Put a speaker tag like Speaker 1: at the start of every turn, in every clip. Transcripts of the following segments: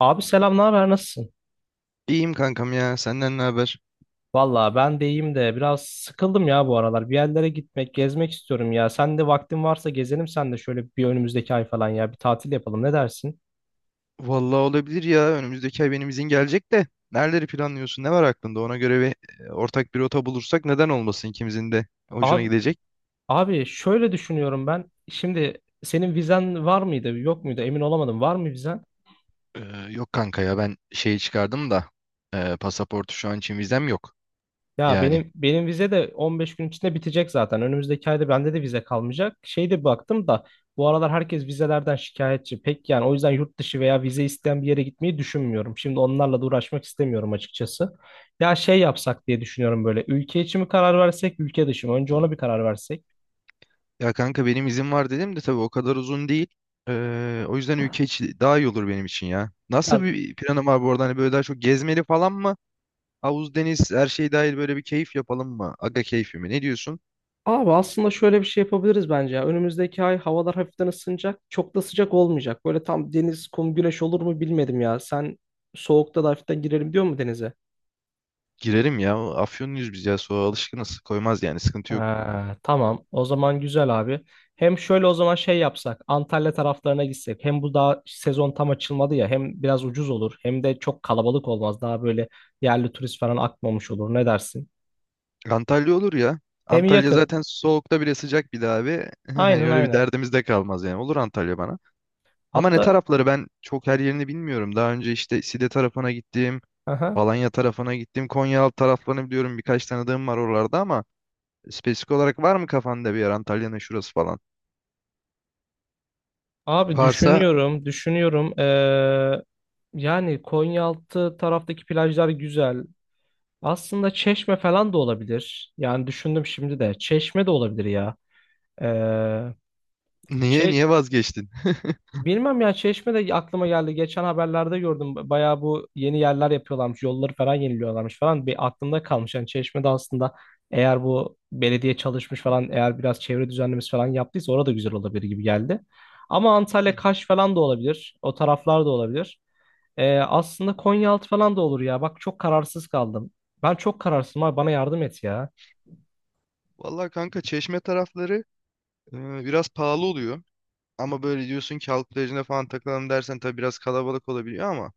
Speaker 1: Abi selam, ne haber, nasılsın?
Speaker 2: İyiyim kankam ya. Senden ne haber?
Speaker 1: Valla ben de iyiyim de biraz sıkıldım ya bu aralar. Bir yerlere gitmek, gezmek istiyorum ya. Sen de vaktin varsa gezelim, sen de şöyle bir önümüzdeki ay falan ya bir tatil yapalım. Ne dersin?
Speaker 2: Vallahi olabilir ya. Önümüzdeki ay benim izin gelecek de. Nereleri planlıyorsun? Ne var aklında? Ona göre ortak bir rota bulursak neden olmasın ikimizin de hoşuna
Speaker 1: Abi
Speaker 2: gidecek.
Speaker 1: abi şöyle düşünüyorum ben. Şimdi senin vizen var mıydı, yok muydu? Emin olamadım. Var mı vizen?
Speaker 2: Ee, Yok kanka ya ben şeyi çıkardım da pasaportu şu an için vizem yok.
Speaker 1: Ya
Speaker 2: Yani,
Speaker 1: benim vize de 15 gün içinde bitecek zaten. Önümüzdeki ayda bende de vize kalmayacak. Şey, de baktım da bu aralar herkes vizelerden şikayetçi. Pek yani, o yüzden yurt dışı veya vize isteyen bir yere gitmeyi düşünmüyorum. Şimdi onlarla da uğraşmak istemiyorum açıkçası. Ya, şey yapsak diye düşünüyorum böyle. Ülke içi mi karar versek, ülke dışı mı? Önce ona bir karar versek.
Speaker 2: ya kanka benim izin var dedim de tabii o kadar uzun değil. O yüzden ülke içi daha iyi olur benim için ya.
Speaker 1: Ya
Speaker 2: Nasıl bir planım var bu arada? Hani böyle daha çok gezmeli falan mı? Havuz, deniz, her şey dahil böyle bir keyif yapalım mı? Aga keyfi mi? Ne diyorsun?
Speaker 1: abi, aslında şöyle bir şey yapabiliriz bence ya. Önümüzdeki ay havalar hafiften ısınacak. Çok da sıcak olmayacak. Böyle tam deniz, kum, güneş olur mu bilmedim ya. Sen soğukta da hafiften girelim diyor mu denize?
Speaker 2: Girerim ya. Afyonluyuz biz ya. Soğuğa alışkınız. Koymaz yani. Sıkıntı yok.
Speaker 1: Ha, tamam. O zaman güzel abi. Hem şöyle o zaman şey yapsak. Antalya taraflarına gitsek. Hem bu daha sezon tam açılmadı ya. Hem biraz ucuz olur. Hem de çok kalabalık olmaz. Daha böyle yerli turist falan akmamış olur. Ne dersin?
Speaker 2: Antalya olur ya.
Speaker 1: Hem
Speaker 2: Antalya
Speaker 1: yakın.
Speaker 2: zaten soğukta bile sıcak bir de abi. Hani
Speaker 1: Aynen,
Speaker 2: öyle bir
Speaker 1: aynen.
Speaker 2: derdimiz de kalmaz yani. Olur Antalya bana. Ama ne
Speaker 1: Hatta
Speaker 2: tarafları ben çok her yerini bilmiyorum. Daha önce işte Side tarafına gittim.
Speaker 1: aha.
Speaker 2: Alanya tarafına gittim. Konyaaltı taraflarını biliyorum. Birkaç tanıdığım var oralarda ama spesifik olarak var mı kafanda bir yer Antalya'nın şurası falan?
Speaker 1: Abi
Speaker 2: Varsa
Speaker 1: düşünüyorum. Düşünüyorum. Yani Konyaaltı taraftaki plajlar güzel. Aslında Çeşme falan da olabilir. Yani düşündüm şimdi de. Çeşme de olabilir ya. Ee,
Speaker 2: niye
Speaker 1: Çe-
Speaker 2: vazgeçtin?
Speaker 1: Bilmem ya, Çeşme de aklıma geldi. Geçen haberlerde gördüm. Bayağı bu yeni yerler yapıyorlarmış. Yolları falan yeniliyorlarmış falan. Bir aklımda kalmış. Yani Çeşme'de aslında eğer bu belediye çalışmış falan, eğer biraz çevre düzenlemesi falan yaptıysa orada güzel olabilir gibi geldi. Ama
Speaker 2: Hı
Speaker 1: Antalya,
Speaker 2: hı.
Speaker 1: Kaş falan da olabilir. O taraflar da olabilir. Aslında Konyaaltı falan da olur ya. Bak çok kararsız kaldım. Ben çok kararsızım abi. Bana yardım et ya.
Speaker 2: Vallahi kanka Çeşme tarafları e, biraz pahalı oluyor. Ama böyle diyorsun ki halk plajına falan takılalım dersen tabii biraz kalabalık olabiliyor ama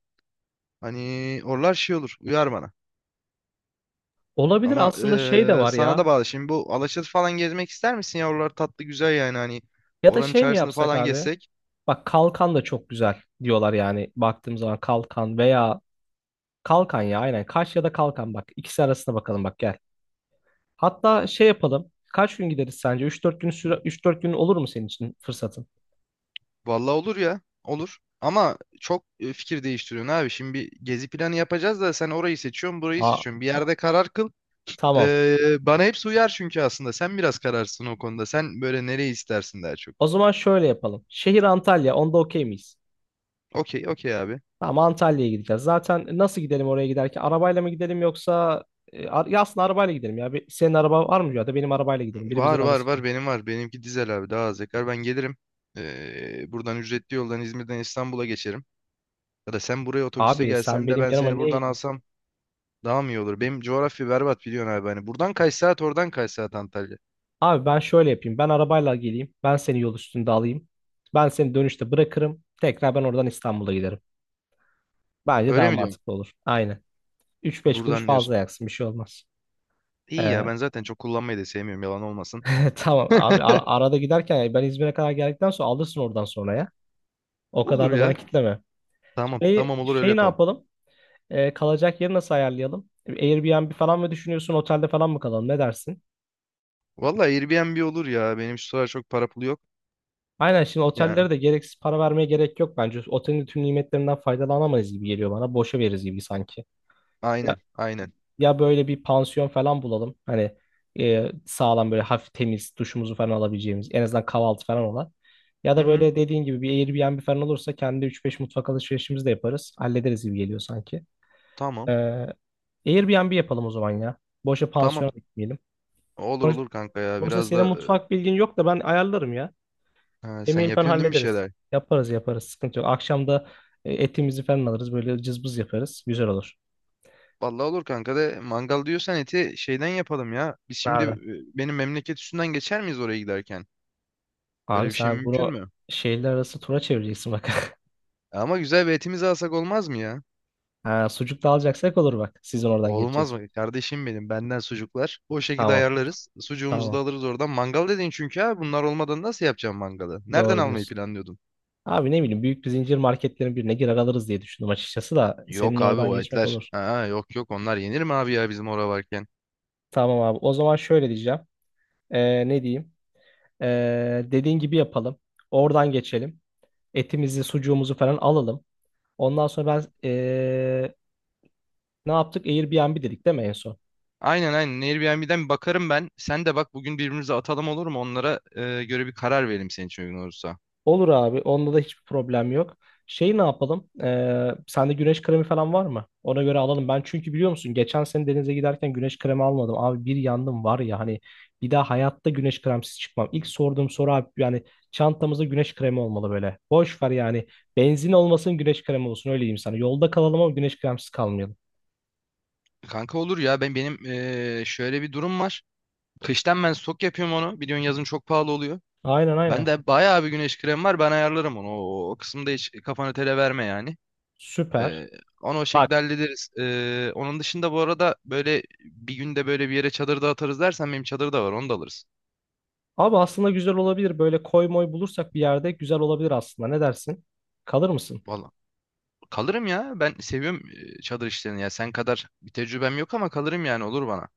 Speaker 2: hani oralar şey olur. Uyar bana.
Speaker 1: Olabilir,
Speaker 2: Ama
Speaker 1: aslında şey de var
Speaker 2: sana da
Speaker 1: ya.
Speaker 2: bağlı. Şimdi bu Alaçatı falan gezmek ister misin ya? Oralar tatlı güzel yani hani.
Speaker 1: Ya da
Speaker 2: Oranın
Speaker 1: şey mi
Speaker 2: çarşısını
Speaker 1: yapsak
Speaker 2: falan
Speaker 1: abi?
Speaker 2: gezsek.
Speaker 1: Bak kalkan da çok güzel diyorlar. Yani baktığım zaman kalkan veya kalkan ya, aynen Kaş ya da kalkan, bak ikisi arasına bakalım, bak gel. Hatta şey yapalım. Kaç gün gideriz sence? 3-4 gün olur mu senin için fırsatın?
Speaker 2: Vallahi olur ya. Olur. Ama çok fikir değiştiriyorsun abi. Şimdi bir gezi planı yapacağız da sen orayı seçiyorsun, burayı
Speaker 1: Aa,
Speaker 2: seçiyorsun. Bir yerde karar kıl.
Speaker 1: tamam.
Speaker 2: Bana hepsi uyar çünkü aslında. Sen biraz kararsın o konuda. Sen böyle nereyi istersin daha çok.
Speaker 1: O zaman şöyle yapalım. Şehir Antalya. Onda okey miyiz?
Speaker 2: Okey, okey abi.
Speaker 1: Tamam, Antalya'ya gideceğiz. Zaten nasıl gidelim oraya giderken? Arabayla mı gidelim, yoksa ya aslında arabayla gidelim ya. Senin araba var mı, ya da benim arabayla gidelim. Birimizin
Speaker 2: Var var
Speaker 1: arabası.
Speaker 2: var benim var. Benimki dizel abi daha az yakar. Ben gelirim. Buradan ücretli yoldan İzmir'den İstanbul'a geçerim. Ya da sen buraya otobüste
Speaker 1: Abi sen
Speaker 2: gelsen de
Speaker 1: benim
Speaker 2: ben
Speaker 1: yanıma
Speaker 2: seni
Speaker 1: niye
Speaker 2: buradan alsam daha mı iyi olur? Benim coğrafya berbat biliyorsun abi. Hani buradan kaç saat oradan kaç saat Antalya.
Speaker 1: Abi ben şöyle yapayım. Ben arabayla geleyim. Ben seni yol üstünde alayım. Ben seni dönüşte bırakırım. Tekrar ben oradan İstanbul'a giderim. Bence
Speaker 2: Öyle
Speaker 1: daha
Speaker 2: mi diyorsun?
Speaker 1: mantıklı olur. Aynen. 3-5 kuruş
Speaker 2: Buradan
Speaker 1: fazla
Speaker 2: diyorsun.
Speaker 1: yaksın. Bir şey olmaz.
Speaker 2: İyi ya
Speaker 1: Ee,
Speaker 2: ben zaten çok kullanmayı da sevmiyorum yalan olmasın.
Speaker 1: tamam abi, arada giderken yani ben İzmir'e kadar geldikten sonra alırsın oradan sonra ya. O kadar
Speaker 2: Olur
Speaker 1: da bana
Speaker 2: ya.
Speaker 1: kitleme.
Speaker 2: Tamam
Speaker 1: Şeyi,
Speaker 2: tamam olur öyle
Speaker 1: şeyi ne
Speaker 2: yapalım.
Speaker 1: yapalım? Kalacak yeri nasıl ayarlayalım? Airbnb falan mı düşünüyorsun? Otelde falan mı kalalım? Ne dersin?
Speaker 2: Vallahi Airbnb olur ya. Benim şu sıralar çok para pulu yok.
Speaker 1: Aynen, şimdi
Speaker 2: Yani
Speaker 1: otellere de gereksiz para vermeye gerek yok bence. Otelin tüm nimetlerinden faydalanamayız gibi geliyor bana. Boşa veririz gibi sanki. Ya,
Speaker 2: aynen, aynen.
Speaker 1: ya böyle bir pansiyon falan bulalım. Hani sağlam, böyle hafif temiz duşumuzu falan alabileceğimiz, en azından kahvaltı falan olan. Ya
Speaker 2: Hı
Speaker 1: da
Speaker 2: hı,
Speaker 1: böyle dediğin gibi bir Airbnb falan olursa kendi üç beş mutfak alışverişimizi de yaparız. Hallederiz gibi geliyor sanki. Ee,
Speaker 2: tamam
Speaker 1: Airbnb yapalım o zaman ya. Boşa
Speaker 2: tamam.
Speaker 1: pansiyona gitmeyelim.
Speaker 2: Olur
Speaker 1: Sonuçta,
Speaker 2: olur kanka ya.
Speaker 1: sonuçta,
Speaker 2: Biraz
Speaker 1: senin
Speaker 2: da
Speaker 1: mutfak bilgin yok da ben ayarlarım ya.
Speaker 2: sen
Speaker 1: Yemeği falan
Speaker 2: yapıyorsun değil mi bir
Speaker 1: hallederiz.
Speaker 2: şeyler?
Speaker 1: Yaparız yaparız, sıkıntı yok. Akşam da etimizi falan alırız, böyle cızbız yaparız. Güzel olur.
Speaker 2: Vallahi olur kanka de mangal diyorsan eti şeyden yapalım ya. Biz şimdi
Speaker 1: Ne
Speaker 2: benim memleket üstünden geçer miyiz oraya giderken? Öyle
Speaker 1: Abi
Speaker 2: bir şey
Speaker 1: sen
Speaker 2: mümkün
Speaker 1: bunu
Speaker 2: mü?
Speaker 1: şehirler arası tura çevireceksin bak.
Speaker 2: Ama güzel bir etimizi alsak olmaz mı ya?
Speaker 1: Ha, sucuk da alacaksak olur bak. Sizin oradan
Speaker 2: Olmaz
Speaker 1: geçeceksin.
Speaker 2: mı? Kardeşim benden sucuklar. O şekilde
Speaker 1: Tamam.
Speaker 2: ayarlarız. Sucuğumuzu da
Speaker 1: Tamam.
Speaker 2: alırız oradan. Mangal dedin çünkü abi bunlar olmadan nasıl yapacağım mangalı? Nereden
Speaker 1: Doğru
Speaker 2: almayı
Speaker 1: diyorsun.
Speaker 2: planlıyordun?
Speaker 1: Abi ne bileyim, büyük bir zincir marketlerin birine girer alırız diye düşündüm açıkçası da senin
Speaker 2: Yok abi
Speaker 1: oradan
Speaker 2: o
Speaker 1: geçmek
Speaker 2: etler.
Speaker 1: olur.
Speaker 2: Ha, yok yok onlar yenir mi abi ya bizim orada varken?
Speaker 1: Tamam abi. O zaman şöyle diyeceğim. Ne diyeyim? Dediğin gibi yapalım. Oradan geçelim. Etimizi, sucuğumuzu falan alalım. Ondan sonra ben ne yaptık? Airbnb dedik değil mi en son?
Speaker 2: Aynen, aynen. Airbnb'den bir bakarım ben. Sen de bak bugün birbirimize atalım olur mu? Onlara göre bir karar verelim senin için uygun olursa.
Speaker 1: Olur abi. Onda da hiçbir problem yok. Şey, ne yapalım? Sende güneş kremi falan var mı? Ona göre alalım. Ben çünkü biliyor musun, geçen sene denize giderken güneş kremi almadım. Abi bir yandım var ya hani, bir daha hayatta güneş kremsiz çıkmam. İlk sorduğum soru abi, yani çantamızda güneş kremi olmalı böyle. Boş ver yani. Benzin olmasın güneş kremi olsun, öyle diyeyim sana. Yolda kalalım ama güneş kremsiz kalmayalım.
Speaker 2: Kanka olur ya benim şöyle bir durum var. Kıştan ben stok yapıyorum onu. Biliyorsun yazın çok pahalı oluyor.
Speaker 1: Aynen,
Speaker 2: Ben
Speaker 1: aynen.
Speaker 2: de bayağı bir güneş kremi var. Ben ayarlarım onu. O kısımda hiç kafanı tele verme yani.
Speaker 1: Süper.
Speaker 2: Eee, Onu o şekilde
Speaker 1: Bak
Speaker 2: hallederiz. Onun dışında bu arada böyle bir günde böyle bir yere çadır da atarız dersen benim çadır da var. Onu da alırız.
Speaker 1: abi, aslında güzel olabilir. Böyle koy moy bulursak bir yerde güzel olabilir aslında. Ne dersin? Kalır mısın?
Speaker 2: Valla kalırım ya. Ben seviyorum çadır işlerini. Ya sen kadar bir tecrübem yok ama kalırım yani olur bana.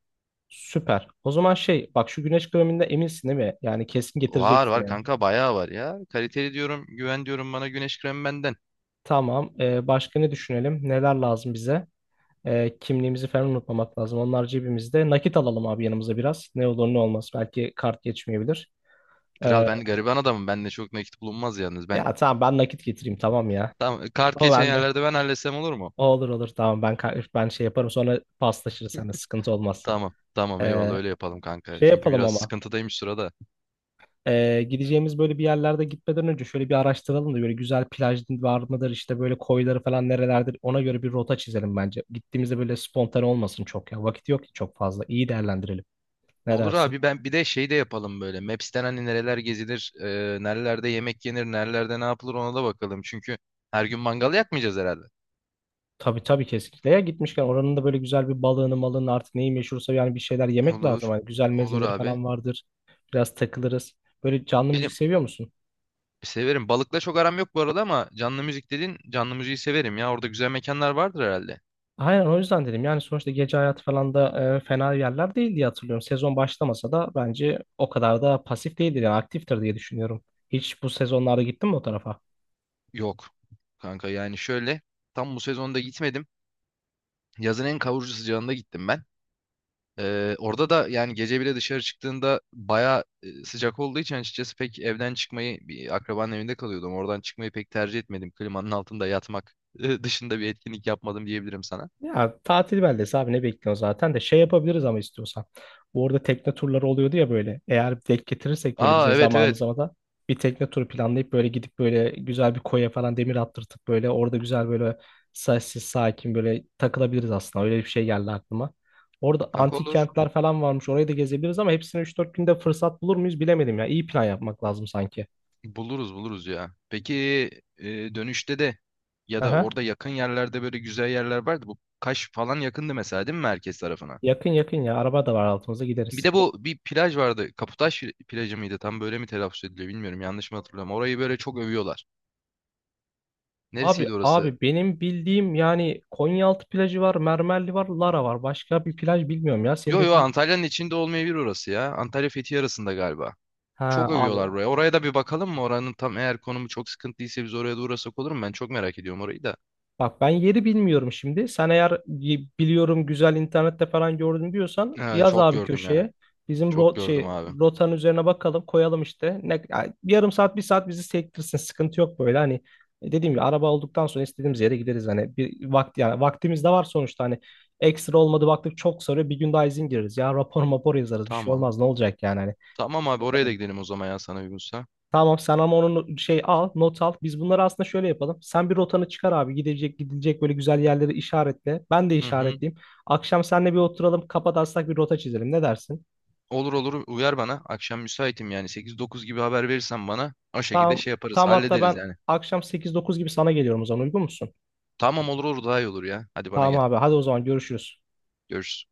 Speaker 1: Süper. O zaman şey, bak şu güneş kreminde eminsin değil mi? Yani kesin
Speaker 2: Var
Speaker 1: getireceksin
Speaker 2: var
Speaker 1: yani.
Speaker 2: kanka bayağı var ya. Kaliteli diyorum, güven diyorum bana güneş kremi benden.
Speaker 1: Tamam. Başka ne düşünelim? Neler lazım bize? Kimliğimizi falan unutmamak lazım. Onlar cebimizde. Nakit alalım abi yanımıza biraz. Ne olur ne olmaz. Belki kart geçmeyebilir.
Speaker 2: Kral
Speaker 1: Ee,
Speaker 2: ben gariban adamım. Bende çok nakit bulunmaz yalnız. Ben
Speaker 1: ya tamam, ben nakit getireyim tamam ya.
Speaker 2: tamam, kart
Speaker 1: O
Speaker 2: geçen
Speaker 1: bende.
Speaker 2: yerlerde ben halletsem olur mu?
Speaker 1: O olur olur, tamam ben ben şey yaparım, sonra paslaşırız seninle, sıkıntı olmaz.
Speaker 2: Tamam. Tamam eyvallah
Speaker 1: Ee,
Speaker 2: öyle yapalım kanka.
Speaker 1: şey
Speaker 2: Çünkü
Speaker 1: yapalım
Speaker 2: biraz
Speaker 1: ama.
Speaker 2: sıkıntıdayım şu sırada.
Speaker 1: Gideceğimiz böyle bir yerlerde, gitmeden önce şöyle bir araştıralım da, böyle güzel plaj var mıdır işte, böyle koyları falan nerelerdir, ona göre bir rota çizelim bence. Gittiğimizde böyle spontane olmasın çok ya. Vakit yok ki çok fazla. İyi değerlendirelim. Ne
Speaker 2: Olur
Speaker 1: dersin?
Speaker 2: abi ben bir de şey de yapalım böyle. Maps'ten hani nereler gezilir, nerelerde yemek yenir, nerelerde ne yapılır ona da bakalım. Çünkü her gün mangal yakmayacağız herhalde.
Speaker 1: Tabii tabii, kesinlikle. Ya gitmişken oranın da böyle güzel bir balığını, malını, artık neyi meşhursa yani bir şeyler yemek lazım.
Speaker 2: Olur.
Speaker 1: Hani güzel
Speaker 2: Olur
Speaker 1: mezeleri
Speaker 2: abi.
Speaker 1: falan vardır. Biraz takılırız. Böyle canlı müzik
Speaker 2: Benim
Speaker 1: seviyor musun?
Speaker 2: severim. Balıkla çok aram yok bu arada ama canlı müzik dedin. Canlı müziği severim ya. Orada güzel mekanlar vardır herhalde.
Speaker 1: Aynen, o yüzden dedim. Yani sonuçta gece hayatı falan da fena yerler değil diye hatırlıyorum. Sezon başlamasa da bence o kadar da pasif değildir, yani aktiftir diye düşünüyorum. Hiç bu sezonlarda gittin mi o tarafa?
Speaker 2: Yok. Kanka yani şöyle tam bu sezonda gitmedim. Yazın en kavurucu sıcağında gittim ben. Orada da yani gece bile dışarı çıktığında baya sıcak olduğu için açıkçası pek evden çıkmayı bir akrabanın evinde kalıyordum. Oradan çıkmayı pek tercih etmedim. Klimanın altında yatmak dışında bir etkinlik yapmadım diyebilirim sana.
Speaker 1: Ya tatil beldesi abi, ne bekliyorsun zaten de şey yapabiliriz ama istiyorsan. Bu arada tekne turları oluyordu ya böyle. Eğer denk getirirsek böyle
Speaker 2: Aa,
Speaker 1: bizim
Speaker 2: evet, evet.
Speaker 1: zamanımıza da bir tekne turu planlayıp böyle gidip böyle güzel bir koya falan demir attırtıp böyle orada güzel böyle sessiz sakin böyle takılabiliriz aslında. Öyle bir şey geldi aklıma. Orada
Speaker 2: Kanka
Speaker 1: antik
Speaker 2: olur.
Speaker 1: kentler falan varmış. Orayı da gezebiliriz ama hepsini 3-4 günde fırsat bulur muyuz bilemedim ya. İyi plan yapmak lazım sanki.
Speaker 2: Buluruz, ya. Peki e, dönüşte de ya da
Speaker 1: Aha.
Speaker 2: orada yakın yerlerde böyle güzel yerler vardı. Bu Kaş falan yakındı mesela değil mi merkez tarafına?
Speaker 1: Yakın yakın ya. Araba da var altımızda,
Speaker 2: Bir
Speaker 1: gideriz.
Speaker 2: de bu bir plaj vardı. Kaputaş plajı mıydı? Tam böyle mi telaffuz ediliyor bilmiyorum. Yanlış mı hatırlıyorum. Orayı böyle çok övüyorlar.
Speaker 1: Abi
Speaker 2: Neresiydi orası?
Speaker 1: abi benim bildiğim yani Konyaaltı plajı var, Mermerli var, Lara var. Başka bir plaj bilmiyorum ya. Senin
Speaker 2: Yo yo,
Speaker 1: dediğin
Speaker 2: Antalya'nın içinde olmayabilir orası ya. Antalya Fethiye arasında galiba.
Speaker 1: Ha
Speaker 2: Çok
Speaker 1: abi,
Speaker 2: övüyorlar buraya. Oraya da bir bakalım mı? Oranın tam eğer konumu çok sıkıntıysa biz oraya da uğrasak olur mu? Ben çok merak ediyorum orayı da.
Speaker 1: bak ben yeri bilmiyorum şimdi. Sen eğer biliyorum, güzel internette falan gördüm diyorsan, yaz
Speaker 2: Çok
Speaker 1: abi
Speaker 2: gördüm ya.
Speaker 1: köşeye. Bizim
Speaker 2: Çok gördüm abi.
Speaker 1: rotanın üzerine bakalım koyalım işte. Ne, ya yarım saat bir saat bizi sektirsin, sıkıntı yok böyle hani. Dediğim gibi araba olduktan sonra istediğimiz yere gideriz, hani bir vakti yani vaktimiz de var sonuçta hani. Ekstra olmadı baktık, çok sarıyor, bir gün daha izin gireriz ya, rapor mapor yazarız, bir şey
Speaker 2: Tamam.
Speaker 1: olmaz ne olacak yani
Speaker 2: Tamam abi oraya da
Speaker 1: hani.
Speaker 2: gidelim o zaman ya sana uygunsa.
Speaker 1: Tamam sen ama onun şey al, not al. Biz bunları aslında şöyle yapalım. Sen bir rotanı çıkar abi. Gidilecek böyle güzel yerleri işaretle. Ben de
Speaker 2: Hı hı.
Speaker 1: işaretleyeyim. Akşam seninle bir oturalım. Kafa taslak bir rota çizelim. Ne dersin?
Speaker 2: Olur olur uyar bana. Akşam müsaitim yani 8-9 gibi haber verirsen bana o şekilde
Speaker 1: Tamam.
Speaker 2: şey yaparız.
Speaker 1: Tamam hatta
Speaker 2: Hallederiz
Speaker 1: ben
Speaker 2: yani.
Speaker 1: akşam 8-9 gibi sana geliyorum o zaman. Uygun musun?
Speaker 2: Tamam olur olur daha iyi olur ya. Hadi bana
Speaker 1: Tamam
Speaker 2: gel.
Speaker 1: abi. Hadi o zaman görüşürüz.
Speaker 2: Görüşürüz.